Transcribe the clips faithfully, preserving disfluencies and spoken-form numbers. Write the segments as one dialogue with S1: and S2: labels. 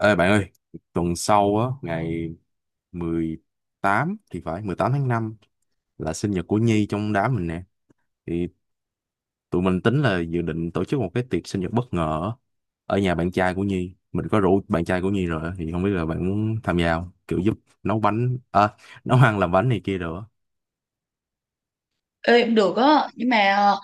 S1: Ê bạn ơi, tuần sau á, ngày mười tám thì phải, mười tám tháng năm là sinh nhật của Nhi trong đám mình nè. Thì tụi mình tính là dự định tổ chức một cái tiệc sinh nhật bất ngờ á, ở nhà bạn trai của Nhi. Mình có rủ bạn trai của Nhi rồi á, thì không biết là bạn muốn tham gia không? Kiểu giúp nấu bánh, à, nấu ăn làm bánh này kia rồi á.
S2: Ê, cũng được á nhưng mà ờ,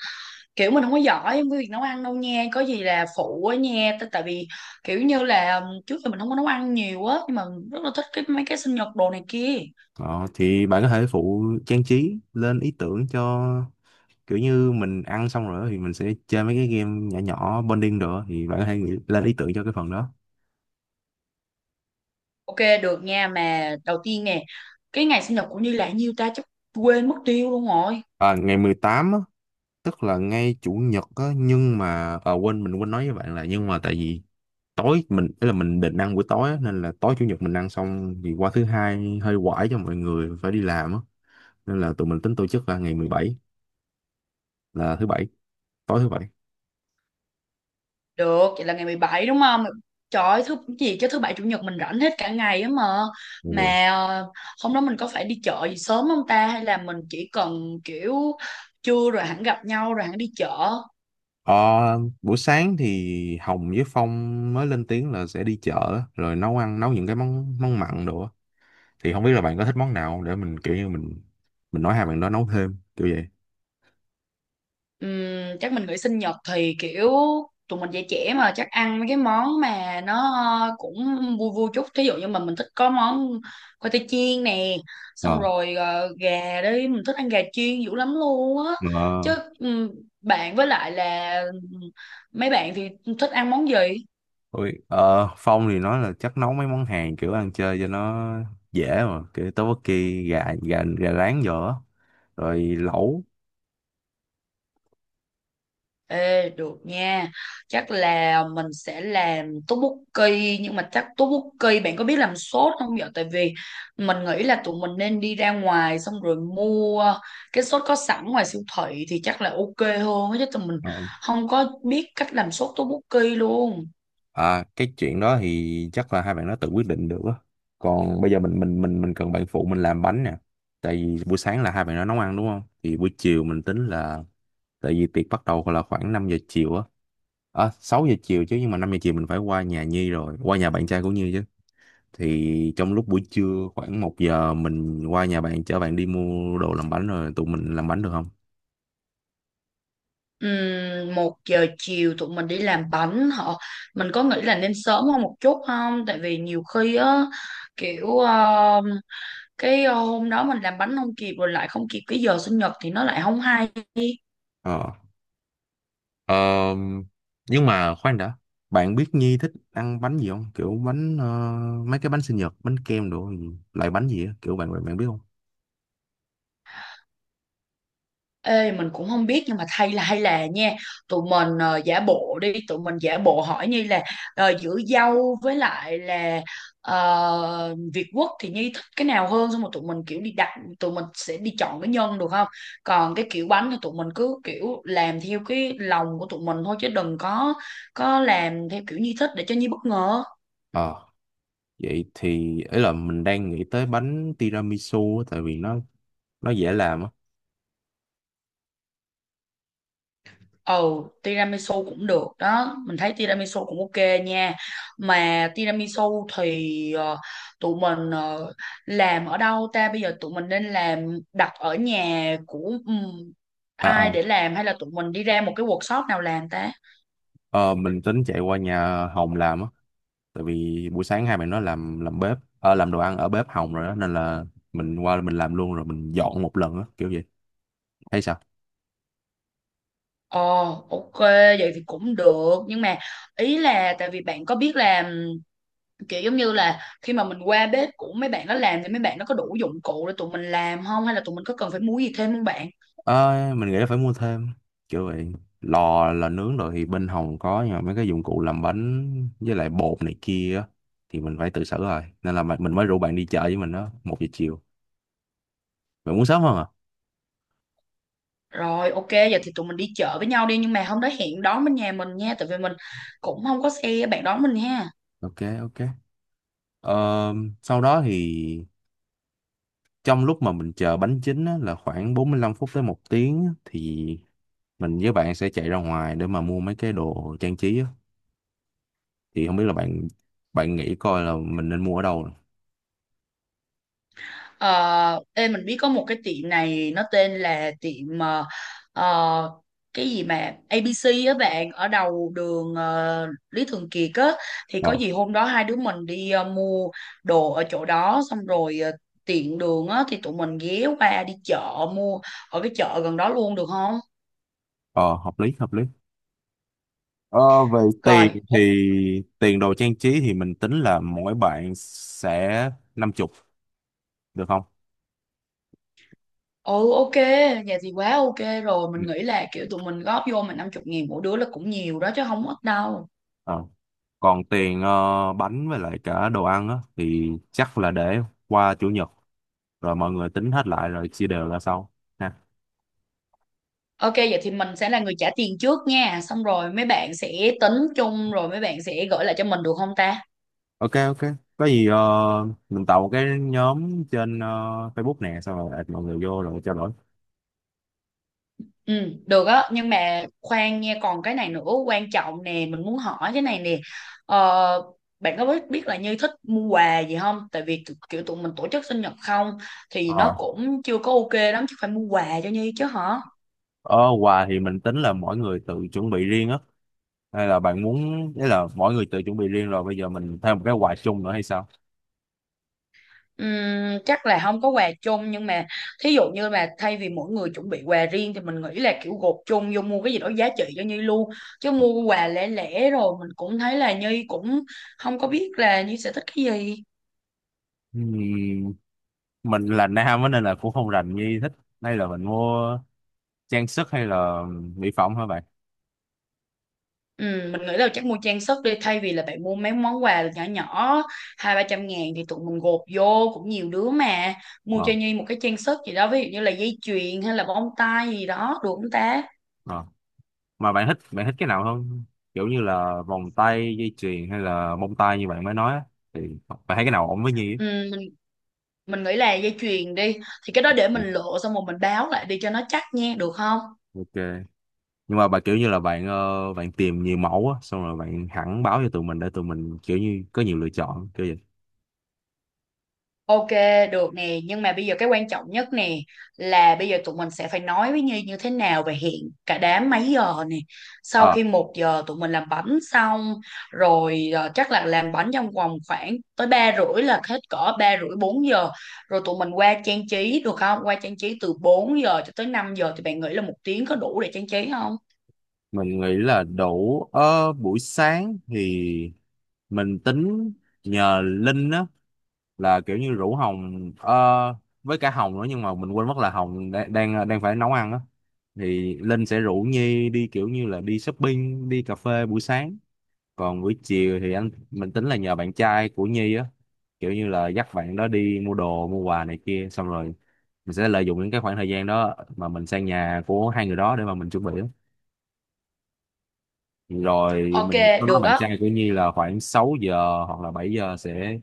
S2: kiểu mình không có giỏi với việc nấu ăn đâu nha, có gì là phụ á nha. T- tại vì kiểu như là ừm, trước giờ mình không có nấu ăn nhiều á nhưng mà rất là thích cái mấy cái sinh nhật đồ này kia.
S1: Ờ, thì bạn có thể phụ trang trí lên ý tưởng cho kiểu như mình ăn xong rồi á, thì mình sẽ chơi mấy cái game nhỏ nhỏ bonding rồi á, thì bạn có thể nghĩ lên ý tưởng cho cái phần đó.
S2: Ok, được nha. Mà đầu tiên nè, cái ngày sinh nhật của Như là nhiêu ta? Chắc quên mất tiêu luôn rồi.
S1: À, ngày mười tám á, tức là ngay chủ nhật á, nhưng mà à, quên mình quên nói với bạn là, nhưng mà tại vì tối mình ý là mình định ăn buổi tối á, nên là tối chủ nhật mình ăn xong thì qua thứ hai hơi quải cho mọi người phải đi làm á, nên là tụi mình tính tổ chức là ngày mười bảy, là thứ bảy, tối thứ bảy.
S2: Được, vậy là ngày mười bảy đúng không? Trời ơi, thứ gì chứ thứ bảy chủ nhật mình rảnh hết cả ngày á mà.
S1: Ok.
S2: Mà ờ, hôm đó mình có phải đi chợ gì sớm không ta, hay là mình chỉ cần kiểu trưa rồi hẳn gặp nhau rồi hẳn đi chợ?
S1: Ờ, buổi sáng thì Hồng với Phong mới lên tiếng là sẽ đi chợ á, rồi nấu ăn nấu những cái món món mặn đồ á. Thì không biết là bạn có thích món nào không để mình kiểu như mình mình nói hai bạn đó nấu thêm kiểu vậy.
S2: Ừm, chắc mình nghĩ sinh nhật thì kiểu tụi mình dạy trẻ mà, chắc ăn mấy cái món mà nó cũng vui vui chút, thí dụ như mình mình thích có món khoai tây chiên nè,
S1: ờ
S2: xong rồi ờ, gà đi, mình thích ăn gà chiên dữ lắm luôn á.
S1: Ờ.
S2: Chứ ừm, bạn với lại là mấy bạn thì thích ăn món gì?
S1: Ôi, ờ, Phong thì nói là chắc nấu mấy món Hàn kiểu ăn chơi cho nó dễ, mà kiểu tteokbokki, gà gà gà rán vô á, rồi lẩu.
S2: Ê, được nha. Chắc là mình sẽ làm tteokbokki, nhưng mà chắc tteokbokki bạn có biết làm sốt không vậy? Tại vì mình nghĩ là tụi mình nên đi ra ngoài xong rồi mua cái sốt có sẵn ngoài siêu thị thì chắc là ok hơn á, chứ tụi mình
S1: Ờ,
S2: không có biết cách làm sốt tteokbokki luôn.
S1: à, cái chuyện đó thì chắc là hai bạn nó tự quyết định được á, còn bây giờ mình mình mình mình cần bạn phụ mình làm bánh nè. Tại vì buổi sáng là hai bạn nó nấu ăn, đúng không, thì buổi chiều mình tính là, tại vì tiệc bắt đầu là khoảng năm giờ chiều á, à, sáu giờ chiều chứ, nhưng mà năm giờ chiều mình phải qua nhà Nhi rồi qua nhà bạn trai của Nhi chứ. Thì trong lúc buổi trưa khoảng một giờ mình qua nhà bạn, chở bạn đi mua đồ làm bánh rồi tụi mình làm bánh được không?
S2: Ừm, một giờ chiều tụi mình đi làm bánh họ, mình có nghĩ là nên sớm hơn một chút không, tại vì nhiều khi á kiểu ờ, cái ờ, hôm đó mình làm bánh không kịp rồi lại không kịp cái giờ sinh nhật thì nó lại không hay.
S1: Ờ. Ờm, nhưng mà khoan đã. Bạn biết Nhi thích ăn bánh gì không? Kiểu bánh, ờ, mấy cái bánh sinh nhật, bánh kem đồ gì, loại bánh gì á, kiểu bạn bạn bạn biết không?
S2: Ê mình cũng không biết nhưng mà thay là hay là nha, tụi mình ờ, giả bộ đi, tụi mình giả bộ hỏi Nhi là ờ, giữa dâu với lại là ờ, Việt Quất thì Nhi thích cái nào hơn, xong rồi tụi mình kiểu đi đặt, tụi mình sẽ đi chọn cái nhân được không? Còn cái kiểu bánh thì tụi mình cứ kiểu làm theo cái lòng của tụi mình thôi chứ đừng có có làm theo kiểu Nhi thích, để cho Nhi bất ngờ.
S1: Ờ, vậy thì ấy là mình đang nghĩ tới bánh tiramisu á, tại vì nó nó dễ làm á.
S2: Ừ, tiramisu cũng được đó. Mình thấy tiramisu cũng ok nha. Mà tiramisu thì ờ, tụi mình ờ, làm ở đâu ta? Bây giờ tụi mình nên làm đặt ở nhà của ừm,
S1: À,
S2: ai
S1: à,
S2: để làm, hay là tụi mình đi ra một cái workshop nào làm ta?
S1: ờ, mình tính chạy qua nhà Hồng làm á. Tại vì buổi sáng hai bạn nó làm làm bếp, ờ, làm đồ ăn ở bếp Hồng rồi đó, nên là mình qua mình làm luôn rồi mình dọn một lần á, kiểu vậy, thấy sao?
S2: Ờ, ok, vậy thì cũng được. Nhưng mà ý là tại vì bạn có biết làm kiểu giống như là khi mà mình qua bếp của mấy bạn nó làm thì mấy bạn nó có đủ dụng cụ để tụi mình làm không? Hay là tụi mình có cần phải mua gì thêm không bạn?
S1: Ờ, mình nghĩ là phải mua thêm kiểu vậy. Lò là nướng rồi thì bên Hồng có, nhưng mà mấy cái dụng cụ làm bánh với lại bột này kia á thì mình phải tự xử rồi, nên là mà- mình mới rủ bạn đi chợ với mình đó một giờ chiều. Bạn muốn sớm hơn à?
S2: Rồi ok, vậy thì tụi mình đi chợ với nhau đi, nhưng mà hôm đó hẹn đón bên nhà mình nha, tại vì mình cũng không có xe, bạn đón mình ha.
S1: Ok. Ok. Ờ, sau đó thì trong lúc mà mình chờ bánh chín á, là khoảng bốn mươi lăm phút tới một tiếng á, thì mình với bạn sẽ chạy ra ngoài để mà mua mấy cái đồ trang trí á. Thì không biết là bạn bạn nghĩ coi là mình nên mua ở đâu.
S2: Ờ ê mình biết có một cái tiệm này, nó tên là tiệm ờ, ờ, cái gì mà a bê xê á bạn, ở đầu đường ờ, Lý Thường Kiệt á, thì
S1: ờ
S2: có gì hôm đó hai đứa mình đi ờ, mua đồ ở chỗ đó, xong rồi ờ, tiện đường á thì tụi mình ghé qua đi chợ mua ở cái chợ gần đó luôn được không?
S1: ờ hợp lý hợp lý. Ờ về tiền
S2: Rồi.
S1: thì, tiền đồ trang trí thì mình tính là mỗi bạn sẽ năm chục, được không?
S2: Ừ ok, vậy thì quá ok rồi.
S1: Ừ.
S2: Mình nghĩ là kiểu tụi mình góp vô, mình năm chục nghìn mỗi đứa là cũng nhiều đó chứ không ít đâu.
S1: Ờ. Còn tiền, ờ, bánh với lại cả đồ ăn á, thì chắc là để qua chủ nhật rồi mọi người tính hết lại rồi chia đều ra sau.
S2: Ok, vậy thì mình sẽ là người trả tiền trước nha. Xong rồi mấy bạn sẽ tính chung, rồi mấy bạn sẽ gửi lại cho mình được không ta?
S1: Ok. Ok. Có gì ờ, mình tạo một cái nhóm trên, ờ, Facebook nè, xong rồi add mọi người vô rồi trao đổi.
S2: Ừ được á. Nhưng mà khoan nha, còn cái này nữa quan trọng nè. Mình muốn hỏi cái này nè, ờ, bạn có biết, biết là Như thích mua quà gì không? Tại vì tụ- kiểu tụi mình tổ chức sinh nhật không, thì
S1: ờ
S2: nó cũng chưa có ok lắm, chứ phải mua quà cho Như chứ hả?
S1: ờ quà thì mình tính là mỗi người tự chuẩn bị riêng á, hay là bạn muốn đấy là mỗi người tự chuẩn bị riêng rồi bây giờ mình thêm một cái quà chung nữa hay sao?
S2: Ừm, chắc là không có quà chung, nhưng mà thí dụ như là thay vì mỗi người chuẩn bị quà riêng thì mình nghĩ là kiểu gộp chung vô mua cái gì đó giá trị cho Nhi luôn, chứ mua quà lẻ lẻ rồi mình cũng thấy là Nhi cũng không có biết là Nhi sẽ thích cái gì.
S1: Ừm, mình là nam á nên là cũng không rành như thích, hay là mình mua trang sức hay là mỹ phẩm hả bạn?
S2: Ừm, mình nghĩ là chắc mua trang sức đi, thay vì là bạn mua mấy món quà nhỏ nhỏ hai ba trăm ngàn thì tụi mình gộp vô cũng nhiều đứa mà, mua
S1: ờ
S2: cho Nhi một cái trang sức gì đó, ví dụ như là dây chuyền hay là bông tai gì đó được không ta?
S1: ờ mà bạn thích bạn thích cái nào không? Kiểu như là vòng tay, dây chuyền hay là bông tai như bạn mới nói á, thì bạn thấy cái nào ổn với Nhi á?
S2: Ừm, mình nghĩ là dây chuyền đi, thì cái đó để
S1: Ừ.
S2: mình lựa xong rồi mình báo lại đi cho nó chắc nha, được không?
S1: Ok. Nhưng mà bà kiểu như là bạn, ờ, bạn tìm nhiều mẫu á, xong rồi bạn hẳn báo cho tụi mình để tụi mình kiểu như có nhiều lựa chọn kiểu vậy.
S2: Ok được nè, nhưng mà bây giờ cái quan trọng nhất nè là bây giờ tụi mình sẽ phải nói với Nhi như thế nào và hẹn cả đám mấy giờ nè? Sau
S1: Ờ,
S2: khi một giờ tụi mình làm bánh xong, rồi ờ, chắc là làm bánh trong vòng khoảng tới ba rưỡi là hết cỡ, ba rưỡi bốn giờ rồi tụi mình qua trang trí được không, qua trang trí từ bốn giờ cho tới năm giờ thì bạn nghĩ là một tiếng có đủ để trang trí không?
S1: mình nghĩ là đủ. Ờ, buổi sáng thì mình tính nhờ Linh á, là kiểu như rủ Hồng, ờ, với cả Hồng nữa, nhưng mà mình quên mất là Hồng đang đang, ờ, đang phải nấu ăn á. Thì Linh sẽ rủ Nhi đi kiểu như là đi shopping, đi cà phê buổi sáng, còn buổi chiều thì anh mình tính là nhờ bạn trai của Nhi á, kiểu như là dắt bạn đó đi mua đồ mua quà này kia, xong rồi mình sẽ lợi dụng những cái khoảng thời gian đó mà mình sang nhà của hai người đó để mà mình chuẩn bị á. Rồi
S2: Ok
S1: mình có nói
S2: được
S1: bạn
S2: á.
S1: trai của Nhi là khoảng sáu giờ hoặc là bảy giờ sẽ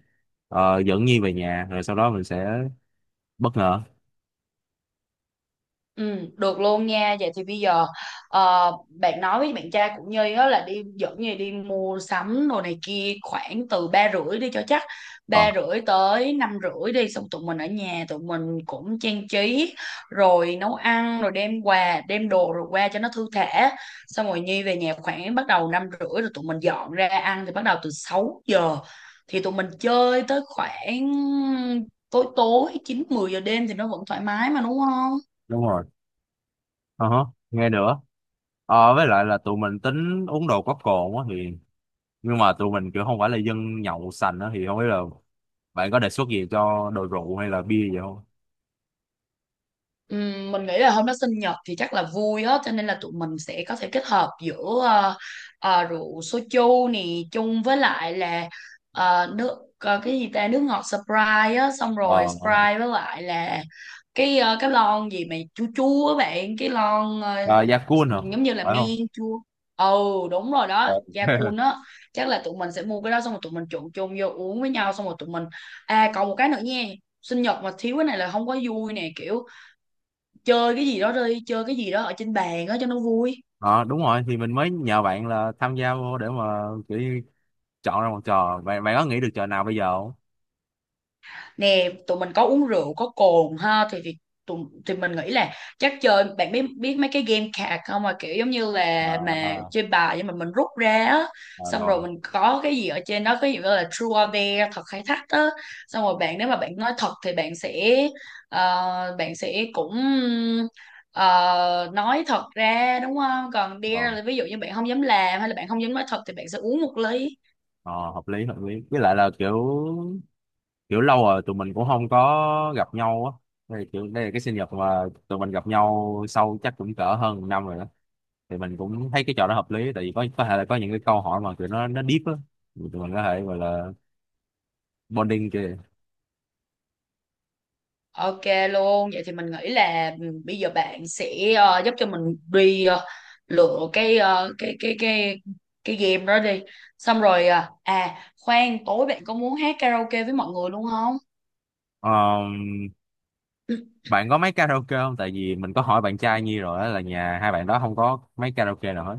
S1: ờ, dẫn Nhi về nhà rồi sau đó mình sẽ bất ngờ.
S2: Ừ, được luôn nha. Vậy thì bây giờ ờ, bạn nói với bạn trai của Nhi á là đi dẫn Nhi đi mua sắm đồ này kia khoảng từ ba rưỡi đi cho chắc,
S1: còn
S2: ba rưỡi tới năm rưỡi đi, xong tụi mình ở nhà tụi mình cũng trang trí rồi nấu ăn rồi đem quà đem đồ rồi qua cho nó thư thả, xong rồi Nhi về nhà khoảng bắt đầu năm rưỡi rồi tụi mình dọn ra ăn thì bắt đầu từ sáu giờ, thì tụi mình chơi tới khoảng tối tối chín mười giờ đêm thì nó vẫn thoải mái mà đúng không?
S1: đúng rồi. Ờ hả, nghe nữa. Ờ, với lại là tụi mình tính uống đồ có cồn á thì, nhưng mà tụi mình kiểu không phải là dân nhậu sành á, thì không biết là bạn có đề xuất gì cho đồ rượu hay là bia gì không?
S2: Ừm, mình nghĩ là hôm đó sinh nhật thì chắc là vui á cho nên là tụi mình sẽ có thể kết hợp giữa ờ, ờ, rượu soju nè chung với lại là ờ, nước ờ, cái gì ta, nước ngọt Sprite á, xong rồi
S1: ờ
S2: Sprite với lại là cái ờ, cái lon gì mà chua chua á bạn, cái lon ờ,
S1: à, Yakun hả,
S2: giống như là
S1: phải không?
S2: men chua. Ừ đúng rồi đó,
S1: Ờ.
S2: da cun á. Chắc là tụi mình sẽ mua cái đó xong rồi tụi mình trộn chung vô uống với nhau, xong rồi tụi mình à còn một cái nữa nha, sinh nhật mà thiếu cái này là không có vui nè, kiểu chơi cái gì đó, đi chơi cái gì đó ở trên bàn á cho nó vui.
S1: Ờ, đúng rồi, thì mình mới nhờ bạn là tham gia vô để mà kiểu như chọn ra một trò, bạn bạn có nghĩ được trò nào bây giờ không?
S2: Nè tụi mình có uống rượu có cồn ha, thì thì tụi, thì mình nghĩ là chắc chơi, bạn biết biết mấy cái game card không, mà kiểu giống như
S1: À,
S2: là mà
S1: à,
S2: chơi bài nhưng mà mình rút ra á,
S1: à,
S2: xong
S1: rồi.
S2: rồi mình có cái gì ở trên đó, cái gì gọi là true or dare, thật hay thách á, xong rồi bạn nếu mà bạn nói thật thì bạn sẽ ờ, bạn sẽ cũng ờ, nói thật ra đúng không, còn dare
S1: ờ,
S2: là ví dụ như bạn không dám làm hay là bạn không dám nói thật thì bạn sẽ uống một ly.
S1: ờ, hợp lý hợp lý, với lại là kiểu kiểu lâu rồi tụi mình cũng không có gặp nhau á. Đây kiểu đây là cái sinh nhật mà tụi mình gặp nhau sau chắc cũng cỡ hơn một năm rồi đó. Thì mình cũng thấy cái trò đó hợp lý, tại vì có có thể là có những cái câu hỏi mà tụi nó nó deep á, tụi mình có thể gọi là bonding kìa.
S2: Ok luôn, vậy thì mình nghĩ là bây giờ bạn sẽ ờ, giúp cho mình đi ờ, lựa cái ờ, cái cái cái cái game đó đi. Xong rồi ờ, à khoan, tối bạn có muốn hát karaoke với mọi người luôn không?
S1: Ờm,
S2: Ừ,
S1: bạn có máy karaoke không? Tại vì mình có hỏi bạn trai Nhi rồi á, là nhà hai bạn đó không có máy karaoke nào hết.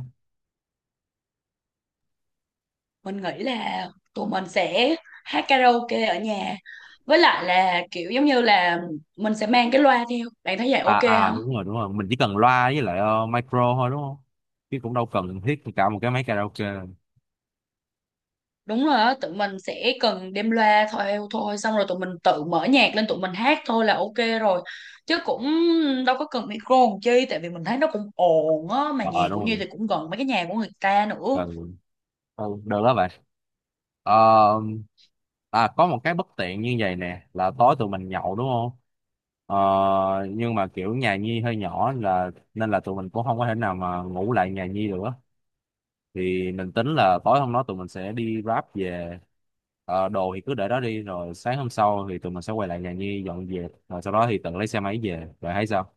S2: mình nghĩ là tụi mình sẽ hát karaoke ở nhà. Với lại là kiểu giống như là mình sẽ mang cái loa theo. Bạn thấy vậy
S1: À
S2: ok
S1: à,
S2: không?
S1: đúng rồi đúng rồi, mình chỉ cần loa với lại, ờ, micro thôi, đúng không? Chứ cũng đâu cần thiết cả một cái máy karaoke.
S2: Đúng rồi á, tụi mình sẽ cần đem loa theo thôi, xong rồi tụi mình tự mở nhạc lên tụi mình hát thôi là ok rồi, chứ cũng đâu có cần micro làm chi, tại vì mình thấy nó cũng ồn á mà
S1: ờ à,
S2: nhà của
S1: đúng
S2: Như
S1: rồi.
S2: thì cũng gần mấy cái nhà của người ta nữa.
S1: Cần ừ, được đó bạn. Ờ, à, có một cái bất tiện như vậy nè, là tối tụi mình nhậu đúng không? Ờ, nhưng mà kiểu nhà Nhi hơi nhỏ, là nên là tụi mình cũng không có thể nào mà ngủ lại nhà Nhi được á. Thì mình tính là tối hôm đó tụi mình sẽ đi Grab về. Ờ, đồ thì cứ để đó đi, rồi sáng hôm sau thì tụi mình sẽ quay lại nhà Nhi dọn dẹp, rồi sau đó thì tự lấy xe máy về, rồi thấy sao?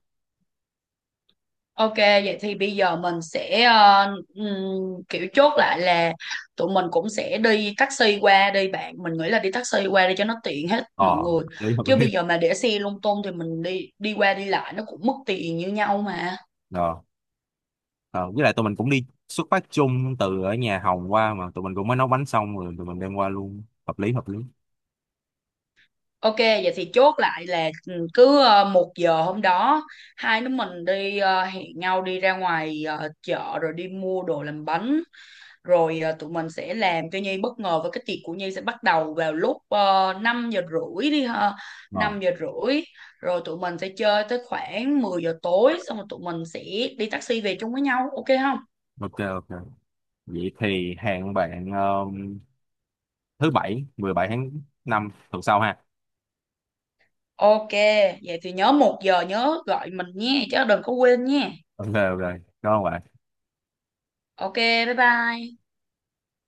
S2: Ok vậy thì bây giờ mình sẽ ờ, ừm, kiểu chốt lại là tụi mình cũng sẽ đi taxi qua đi bạn, mình nghĩ là đi taxi qua đi cho nó tiện hết
S1: Ờ,
S2: mọi người,
S1: Đấy hợp
S2: chứ
S1: lý
S2: bây
S1: rồi.
S2: giờ mà để xe lung tung thì mình đi đi qua đi lại nó cũng mất tiền như nhau mà.
S1: Ờ, ờ, với lại tụi mình cũng đi xuất phát chung từ ở nhà Hồng qua, mà tụi mình cũng mới nấu bánh xong rồi tụi mình đem qua luôn, hợp lý hợp lý.
S2: Ok, vậy thì chốt lại là ừ, cứ ờ, một giờ hôm đó hai đứa mình đi ờ, hẹn nhau đi ra ngoài ờ, chợ rồi đi mua đồ làm bánh, rồi ờ, tụi mình sẽ làm cho Nhi bất ngờ và cái tiệc của Nhi sẽ bắt đầu vào lúc uh, năm giờ rưỡi đi ha.
S1: Ờ,
S2: năm giờ rưỡi rồi tụi mình sẽ chơi tới khoảng mười giờ tối, xong rồi tụi mình sẽ đi taxi về chung với nhau ok không?
S1: ok ok. Vậy thì hẹn bạn, um, thứ bảy mười bảy tháng năm tuần sau ha.
S2: Ok, vậy thì nhớ một giờ nhớ gọi mình nha chứ đừng có quên nha.
S1: Ok ok. Cảm ơn bạn.
S2: Ok, bye bye.